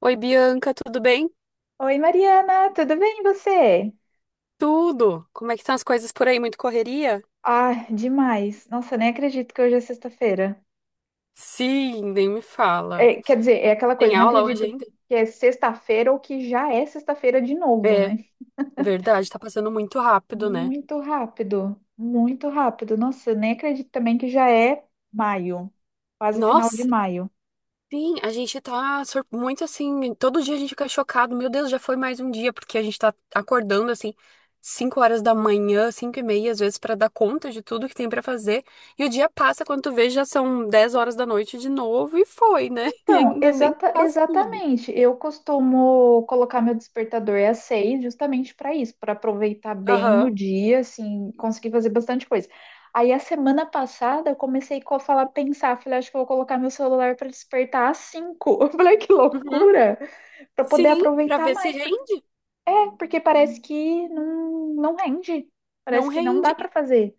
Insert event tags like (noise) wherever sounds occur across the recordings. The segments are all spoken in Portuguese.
Oi, Bianca, tudo bem? Oi, Mariana, tudo bem e você? Tudo. Como é que estão as coisas por aí? Muito correria? Ah, demais. Nossa, nem acredito que hoje é sexta-feira. Sim, nem me fala. É, quer dizer, é aquela Tem coisa, não aula hoje acredito ainda? que é sexta-feira ou que já é sexta-feira de novo, É, né? verdade, tá passando muito rápido, né? Muito rápido, muito rápido. Nossa, eu nem acredito também que já é maio, quase final de Nossa, maio. sim, a gente tá muito assim, todo dia a gente fica chocado. Meu Deus, já foi mais um dia, porque a gente tá acordando assim, 5 horas da manhã, 5h30, às vezes, pra dar conta de tudo que tem pra fazer. E o dia passa, quando tu vê, já são 22 horas de novo e foi, né? (laughs) E Então, ainda nem faz tudo. exatamente. Eu costumo colocar meu despertador às seis, justamente para isso, para aproveitar bem o Aham. dia, assim, conseguir fazer bastante coisa. Aí, a semana passada, eu comecei a falar, pensar, falei, acho que eu vou colocar meu celular para despertar às cinco. (laughs) Eu falei, que Uhum. loucura! Para poder Sim, pra aproveitar ver se mais, porque, rende. Parece que não, não rende, Não parece que não dá rende. para E, fazer.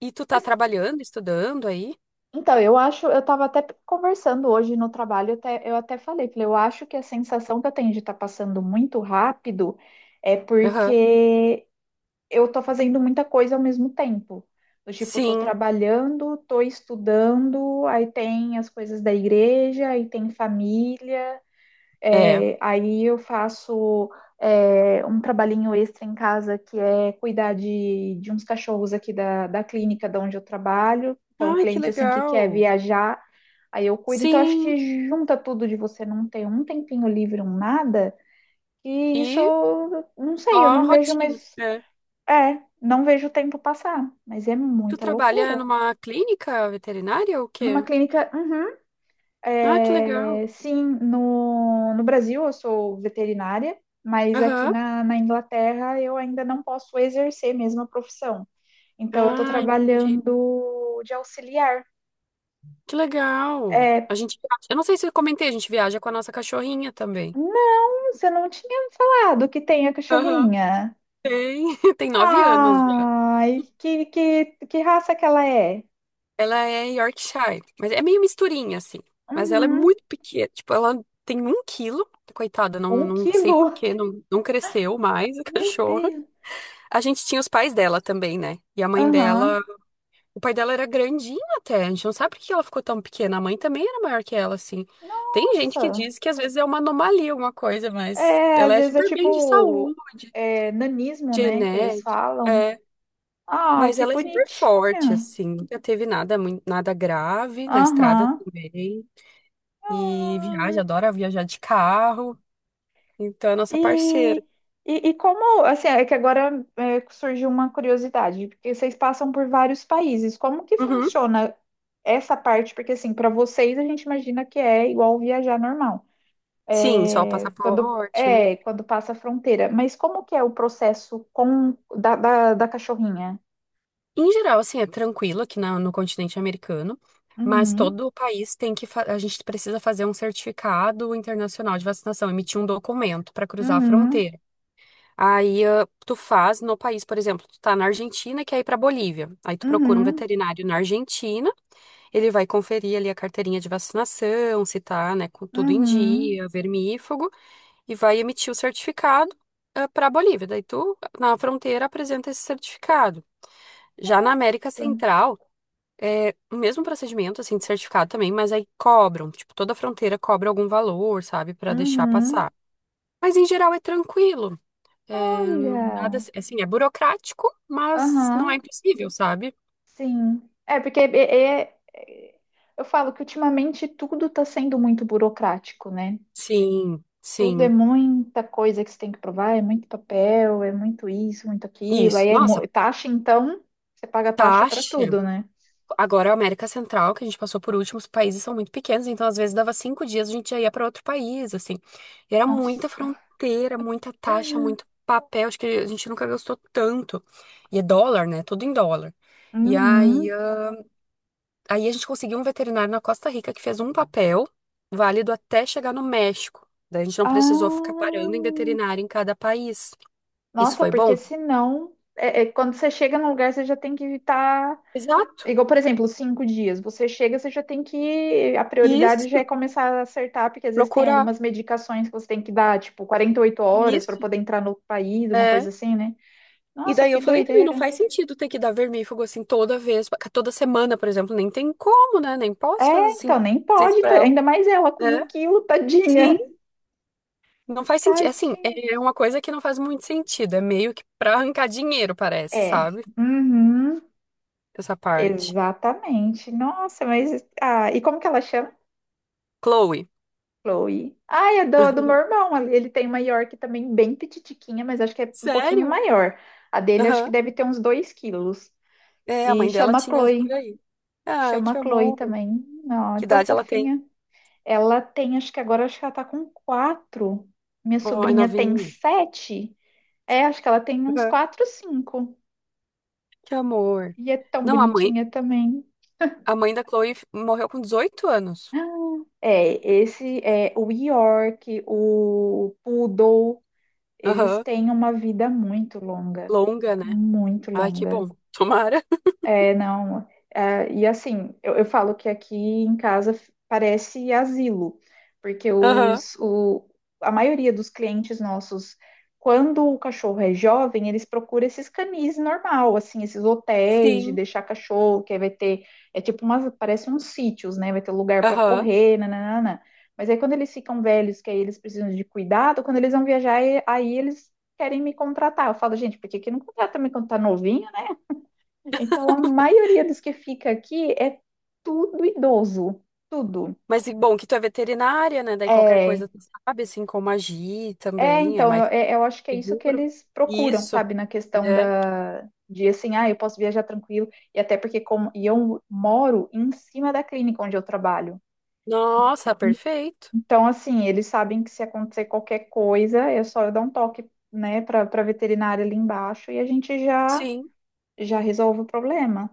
e tu tá Mas trabalhando, estudando aí? Então, eu acho, eu estava até conversando hoje no trabalho, eu até falei, eu acho que a sensação que eu tenho de estar passando muito rápido é Aham. porque eu estou fazendo muita coisa ao mesmo tempo. Do tipo, estou Sim, trabalhando, estou estudando, aí tem as coisas da igreja, aí tem família. é. É, aí eu faço um trabalhinho extra em casa que é cuidar de uns cachorros aqui da clínica de onde eu trabalho. Então, o Ai, que cliente assim que quer legal. viajar, aí eu cuido. Então, acho Sim, que junta tudo de você não ter um tempinho livre, um nada, e isso e eu não sei, eu só não vejo, rotina. mas É. Não vejo o tempo passar, mas é Tu muita trabalha loucura. numa clínica veterinária ou o Numa quê? clínica, uhum, Ah, que legal. é, sim, no Brasil eu sou veterinária, mas aqui Aham. Na Inglaterra eu ainda não posso exercer mesmo a profissão. Então eu estou Ah, entendi. trabalhando de auxiliar. Que legal. É, A gente, eu não sei se eu comentei, a gente viaja com a nossa cachorrinha também. não, você não tinha me falado que tem a Aham. cachorrinha. Tem, (laughs) tem 9 anos. Ai, que raça que ela é? Ela é Yorkshire, mas é meio misturinha, assim. Mas ela é Uhum, muito pequena. Tipo, ela tem 1 quilo. Coitada, não, um não sei por quilo. que não cresceu mais a (laughs) Meu cachorra. Deus. A gente tinha os pais dela também, né? E a mãe dela. Aham. O pai dela era grandinho até. A gente não sabe por que ela ficou tão pequena. A mãe também era maior que ela, assim. Tem gente que Nossa. diz que às vezes é uma anomalia, alguma coisa, mas É, ela às é vezes é super bem de tipo saúde, nanismo, né? Que eles genética. falam. Ai, Mas que ela é super bonitinha. forte, assim. Nunca teve nada, muito, nada grave na estrada Aham. também. E viaja, Ai. adora viajar de carro. Então é nossa E, parceira. e como, assim, é que agora surgiu uma curiosidade, porque vocês passam por vários países. Como que Uhum. funciona essa parte? Porque, assim, para vocês a gente imagina que é igual viajar normal. Sim, só o É, passaporte, né? Quando passa a fronteira. Mas como que é o processo da cachorrinha? Em geral, assim, é tranquilo aqui no continente americano. Mas Uhum. todo o país tem A gente precisa fazer um certificado internacional de vacinação, emitir um documento para cruzar a Uhum. fronteira. Aí tu faz no país, por exemplo, tu tá na Argentina e quer ir pra Bolívia. Aí tu procura um Uhum, veterinário na Argentina. Ele vai conferir ali a carteirinha de vacinação, se tá, né, com tudo em uhum. dia, vermífugo, e vai emitir o certificado para a Bolívia. Daí tu, na fronteira, apresenta esse certificado. Já na América Nossa. Central, é o mesmo procedimento, assim, de certificado também, mas aí cobram, tipo, toda fronteira cobra algum valor, sabe, para deixar Uhum. passar. Mas em geral é tranquilo. É, nada, Olha. assim, é burocrático, mas Aham, não é impossível, sabe? sim. É, porque é- é- eu falo que ultimamente tudo está sendo muito burocrático, né? Sim, Tudo é sim. muita coisa que você tem que provar, é muito papel, é muito isso, muito aquilo. Isso. Aí é Nossa, taxa, então você paga taxa para taxa. tudo, né? Agora, a América Central, que a gente passou por último, os países são muito pequenos, então às vezes dava 5 dias, a gente já ia para outro país, assim. E era muita Nossa. fronteira, muita taxa, muito papel, acho que a gente nunca gastou tanto. E é dólar, né? Tudo em dólar. E aí, Uhum. ah, aí a gente conseguiu um veterinário na Costa Rica que fez um papel válido até chegar no México. Daí a gente não precisou ficar parando em Ah, veterinário em cada país. Isso nossa, foi porque bom? senão, quando você chega num lugar, você já tem que evitar. Exato. Igual, por exemplo, 5 dias. Você chega, você já tem que. A prioridade já Isso. é começar a acertar, porque às vezes tem Procurar. algumas medicações que você tem que dar, tipo, 48 horas para Isso. poder entrar no outro país, uma é coisa assim, né? E Nossa, daí que eu falei também, não doideira. faz sentido ter que dar vermífugo assim toda vez, toda semana, por exemplo, nem tem como, né? Nem É, posso fazer assim, então, nem fazer isso pode, pra ela, ainda mais ela com um né? quilo, Sim, tadinha. (laughs) não faz sentido. Assim, Tadinha. é uma coisa que não faz muito sentido. É meio que pra arrancar dinheiro, parece, É. sabe? Uhum, Essa parte. exatamente. Nossa, mas. Ah, e como que ela chama? Chloe. Chloe. Ah, é do meu (laughs) irmão. Ele tem uma York também bem petitiquinha, mas acho que é um pouquinho Sério? maior. A dele acho que Aham. deve ter uns 2 quilos. É, a E mãe dela chama tinha por Chloe. aí. Ai, que Chama Chloe amor. também. Não, é Que tão idade ela tem? fofinha. Ela tem, acho que ela tá com quatro. Minha Ai, sobrinha tem novinha. sete. É, acho que ela tem uns Aham. quatro, cinco. Que amor. E é tão Não, a mãe, bonitinha também. a mãe da Chloe morreu com 18 anos. Ah, é, esse é o York, o Poodle. Eles Aham. têm uma vida muito longa, Longa, né? muito Ai, que longa. bom. Tomara. (laughs) É, não. E assim, eu falo que aqui em casa parece asilo, porque Aham. A maioria dos clientes nossos, quando o cachorro é jovem, eles procuram esses canis normal, assim, esses hotéis de Sim. deixar cachorro, que aí vai ter, é tipo parece uns sítios, né? Vai ter lugar para Aham. correr, nananana. Mas aí quando eles ficam velhos, que aí eles precisam de cuidado, quando eles vão viajar, aí eles querem me contratar. Eu falo, gente, por que que não contrata me quando tá novinho? Então, a maioria dos que fica aqui é tudo idoso, tudo. Mas e bom que tu é veterinária, né? Daí qualquer É, coisa tu sabe, assim como agir é também, é então, mais eu acho que é isso que seguro. eles procuram, Isso. sabe, na questão É. De assim, ah, eu posso viajar tranquilo, e até porque e eu moro em cima da clínica onde eu trabalho. Nossa, perfeito. Então, assim, eles sabem que se acontecer qualquer coisa, é só eu dar um toque, né, para veterinária ali embaixo e a gente Sim. já resolve o problema.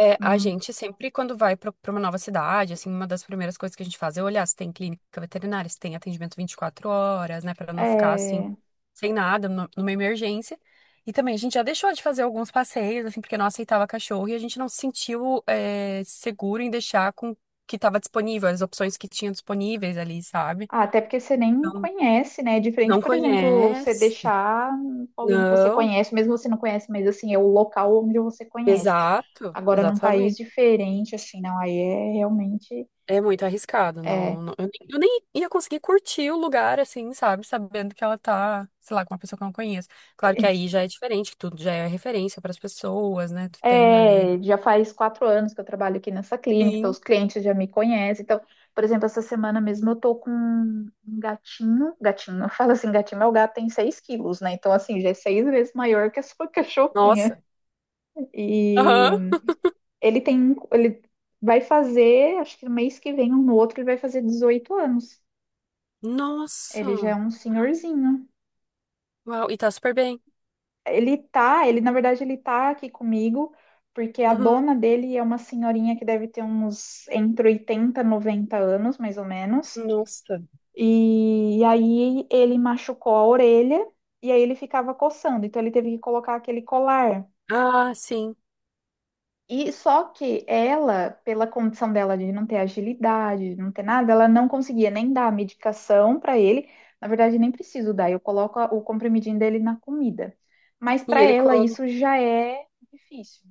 É, a Hum, gente sempre, quando vai para uma nova cidade, assim, uma das primeiras coisas que a gente faz é olhar se tem clínica veterinária, se tem atendimento 24 horas, né, para não ficar assim, é. sem nada, numa emergência. E também a gente já deixou de fazer alguns passeios, assim, porque não aceitava cachorro e a gente não se sentiu, é, seguro em deixar com o que estava disponível, as opções que tinha disponíveis ali, sabe? Ah, até porque você nem Então, conhece, né? É diferente, não por exemplo, você conhece? deixar alguém que você Não, conhece, mesmo você não conhece, mas assim, é o local onde você conhece. exato. Agora, num país diferente, assim, não, aí é realmente. É muito arriscado, É, eu nem ia conseguir curtir o lugar, assim, sabe? Sabendo que ela tá, sei lá, com uma pessoa que eu não conheço. Claro que é, aí já é diferente, que tudo já é referência pras pessoas, né? Tu tem ali. é, já faz 4 anos que eu trabalho aqui nessa clínica, então Sim. os clientes já me conhecem. Então, por exemplo, essa semana mesmo eu tô com um gatinho, gatinho, (laughs) eu falo assim, gatinho, meu gato tem 6 quilos, né? Então, assim, já é 6 vezes maior que a sua (laughs) cachorrinha. Nossa. Aham. E ele vai fazer, acho que no mês que vem ou no outro, ele vai fazer 18 anos. Ele já é Nossa. um senhorzinho. Uau, e tá super bem. Ele na verdade ele tá aqui comigo, porque a Uhum. dona dele é uma senhorinha que deve ter uns entre 80, e 90 anos, mais ou menos. Nossa. E aí ele machucou a orelha e aí ele ficava coçando, então ele teve que colocar aquele colar. Ah, sim. E só que ela, pela condição dela de não ter agilidade, de não ter nada, ela não conseguia nem dar a medicação para ele. Na verdade, nem preciso dar, eu coloco o comprimidinho dele na comida. Mas E para ele ela come. isso já é difícil.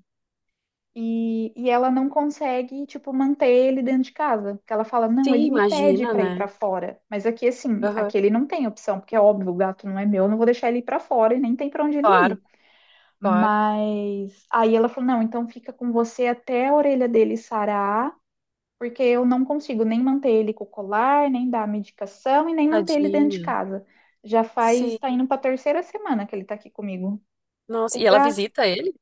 E ela não consegue, tipo, manter ele dentro de casa. Porque ela fala, não, Sim, ele me pede imagina, para ir para né? fora. Mas aqui, assim, Aham. aqui ele não tem opção, porque é óbvio, o gato não é meu, eu não vou deixar ele ir para fora e nem tem para onde ele Claro, ir. claro. Mas aí ela falou: não, então fica com você até a orelha dele sarar, porque eu não consigo nem manter ele com o colar, nem dar a medicação e nem manter ele dentro de Tadinha. casa. Tá Sim. indo para a terceira semana que ele tá aqui comigo. Nossa. O E ela gato, visita ele?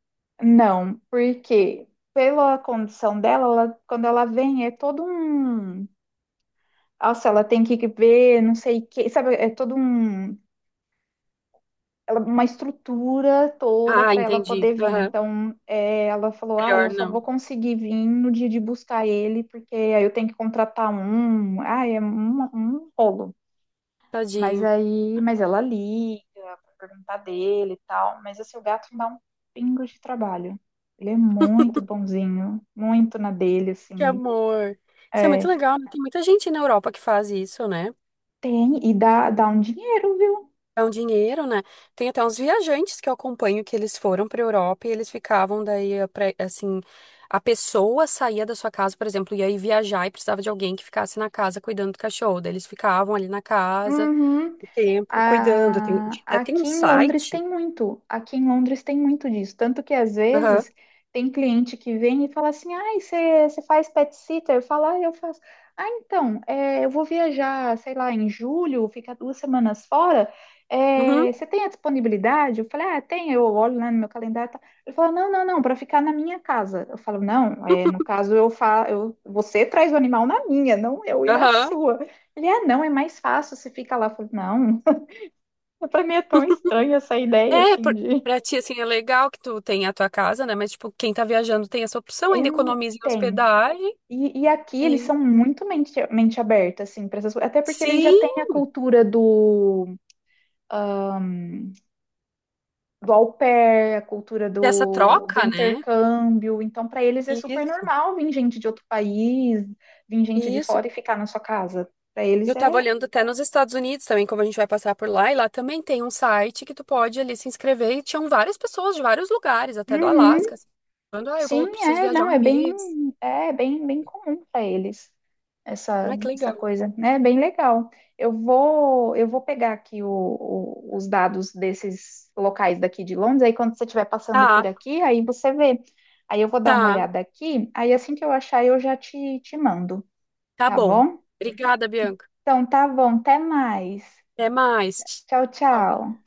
não, porque pela condição dela, quando ela vem, é todo um. Nossa, ela tem que ver, não sei o que, sabe? É todo uma estrutura toda Ah, para ela entendi. poder vir. Aham. Então, ela falou: Ah, eu Melhor só vou não. conseguir vir no dia de buscar ele, porque aí eu tenho que contratar um. Ah, é um rolo. Mas Tadinho. aí, mas ela liga para perguntar dele e tal. Mas assim, o gato não dá um pingo de trabalho. Ele é muito bonzinho, muito na dele, Que assim. amor. Isso é muito É, legal, né? Tem muita gente na Europa que faz isso, né? tem, e dá um dinheiro, viu? É um dinheiro, né? Tem até uns viajantes que eu acompanho que eles foram para Europa e eles ficavam daí, assim, a pessoa saía da sua casa, por exemplo, ia aí viajar e precisava de alguém que ficasse na casa cuidando do cachorro. Daí eles ficavam ali na casa, Uhum. o tempo, cuidando. Tem, até tem um Aqui em Londres site. tem muito, aqui em Londres tem muito disso. Tanto que às Aham. vezes tem cliente que vem e fala assim: ai, você faz pet sitter? Eu falo, ah, eu faço. Ah, então, eu vou viajar, sei lá, em julho, ficar 2 semanas fora. Uhum. Você tem a disponibilidade? Eu falei, ah, tem, eu olho lá no meu calendário. E tal." Ele fala, não, não, não, para ficar na minha casa. Eu falo, não, no (laughs) caso eu falo, você traz o animal na minha, não eu ir na Aham. sua. Ele, ah, não, é mais fácil, você fica lá. Eu falo, não. Pra mim é tão estranha essa ideia, É, assim, por- de. Pra ti, assim, é legal que tu tem a tua casa, né? Mas, tipo, quem tá viajando tem essa opção, É ainda economiza em tem. hospedagem. E aqui eles E são muito mente aberta, assim, para essas coisas. Até porque eles já sim, têm a cultura ah, do au pair, a cultura dessa do troca, né? intercâmbio. Então, para eles é super Isso, normal vir gente de outro país, vir gente de isso. fora e ficar na sua casa. Para eles Eu tava é. olhando até nos Estados Unidos também, como a gente vai passar por lá, e lá também tem um site que tu pode ali se inscrever, e tinham várias pessoas de vários lugares, até do Alasca, Uhum. assim, falando, ah, eu Sim, vou, preciso viajar não, um mês. é bem, bem comum para eles Ai, que essa legal. coisa, né? É bem legal. Eu vou pegar aqui os dados desses locais daqui de Londres, aí quando você estiver passando por Tá, aqui, aí você vê. Aí eu vou dar uma tá, olhada aqui, aí assim que eu achar eu já te, mando, tá tá bom. bom? Obrigada, Bianca. Então tá bom, até mais. Até mais. Tchau, Tchau. tchau.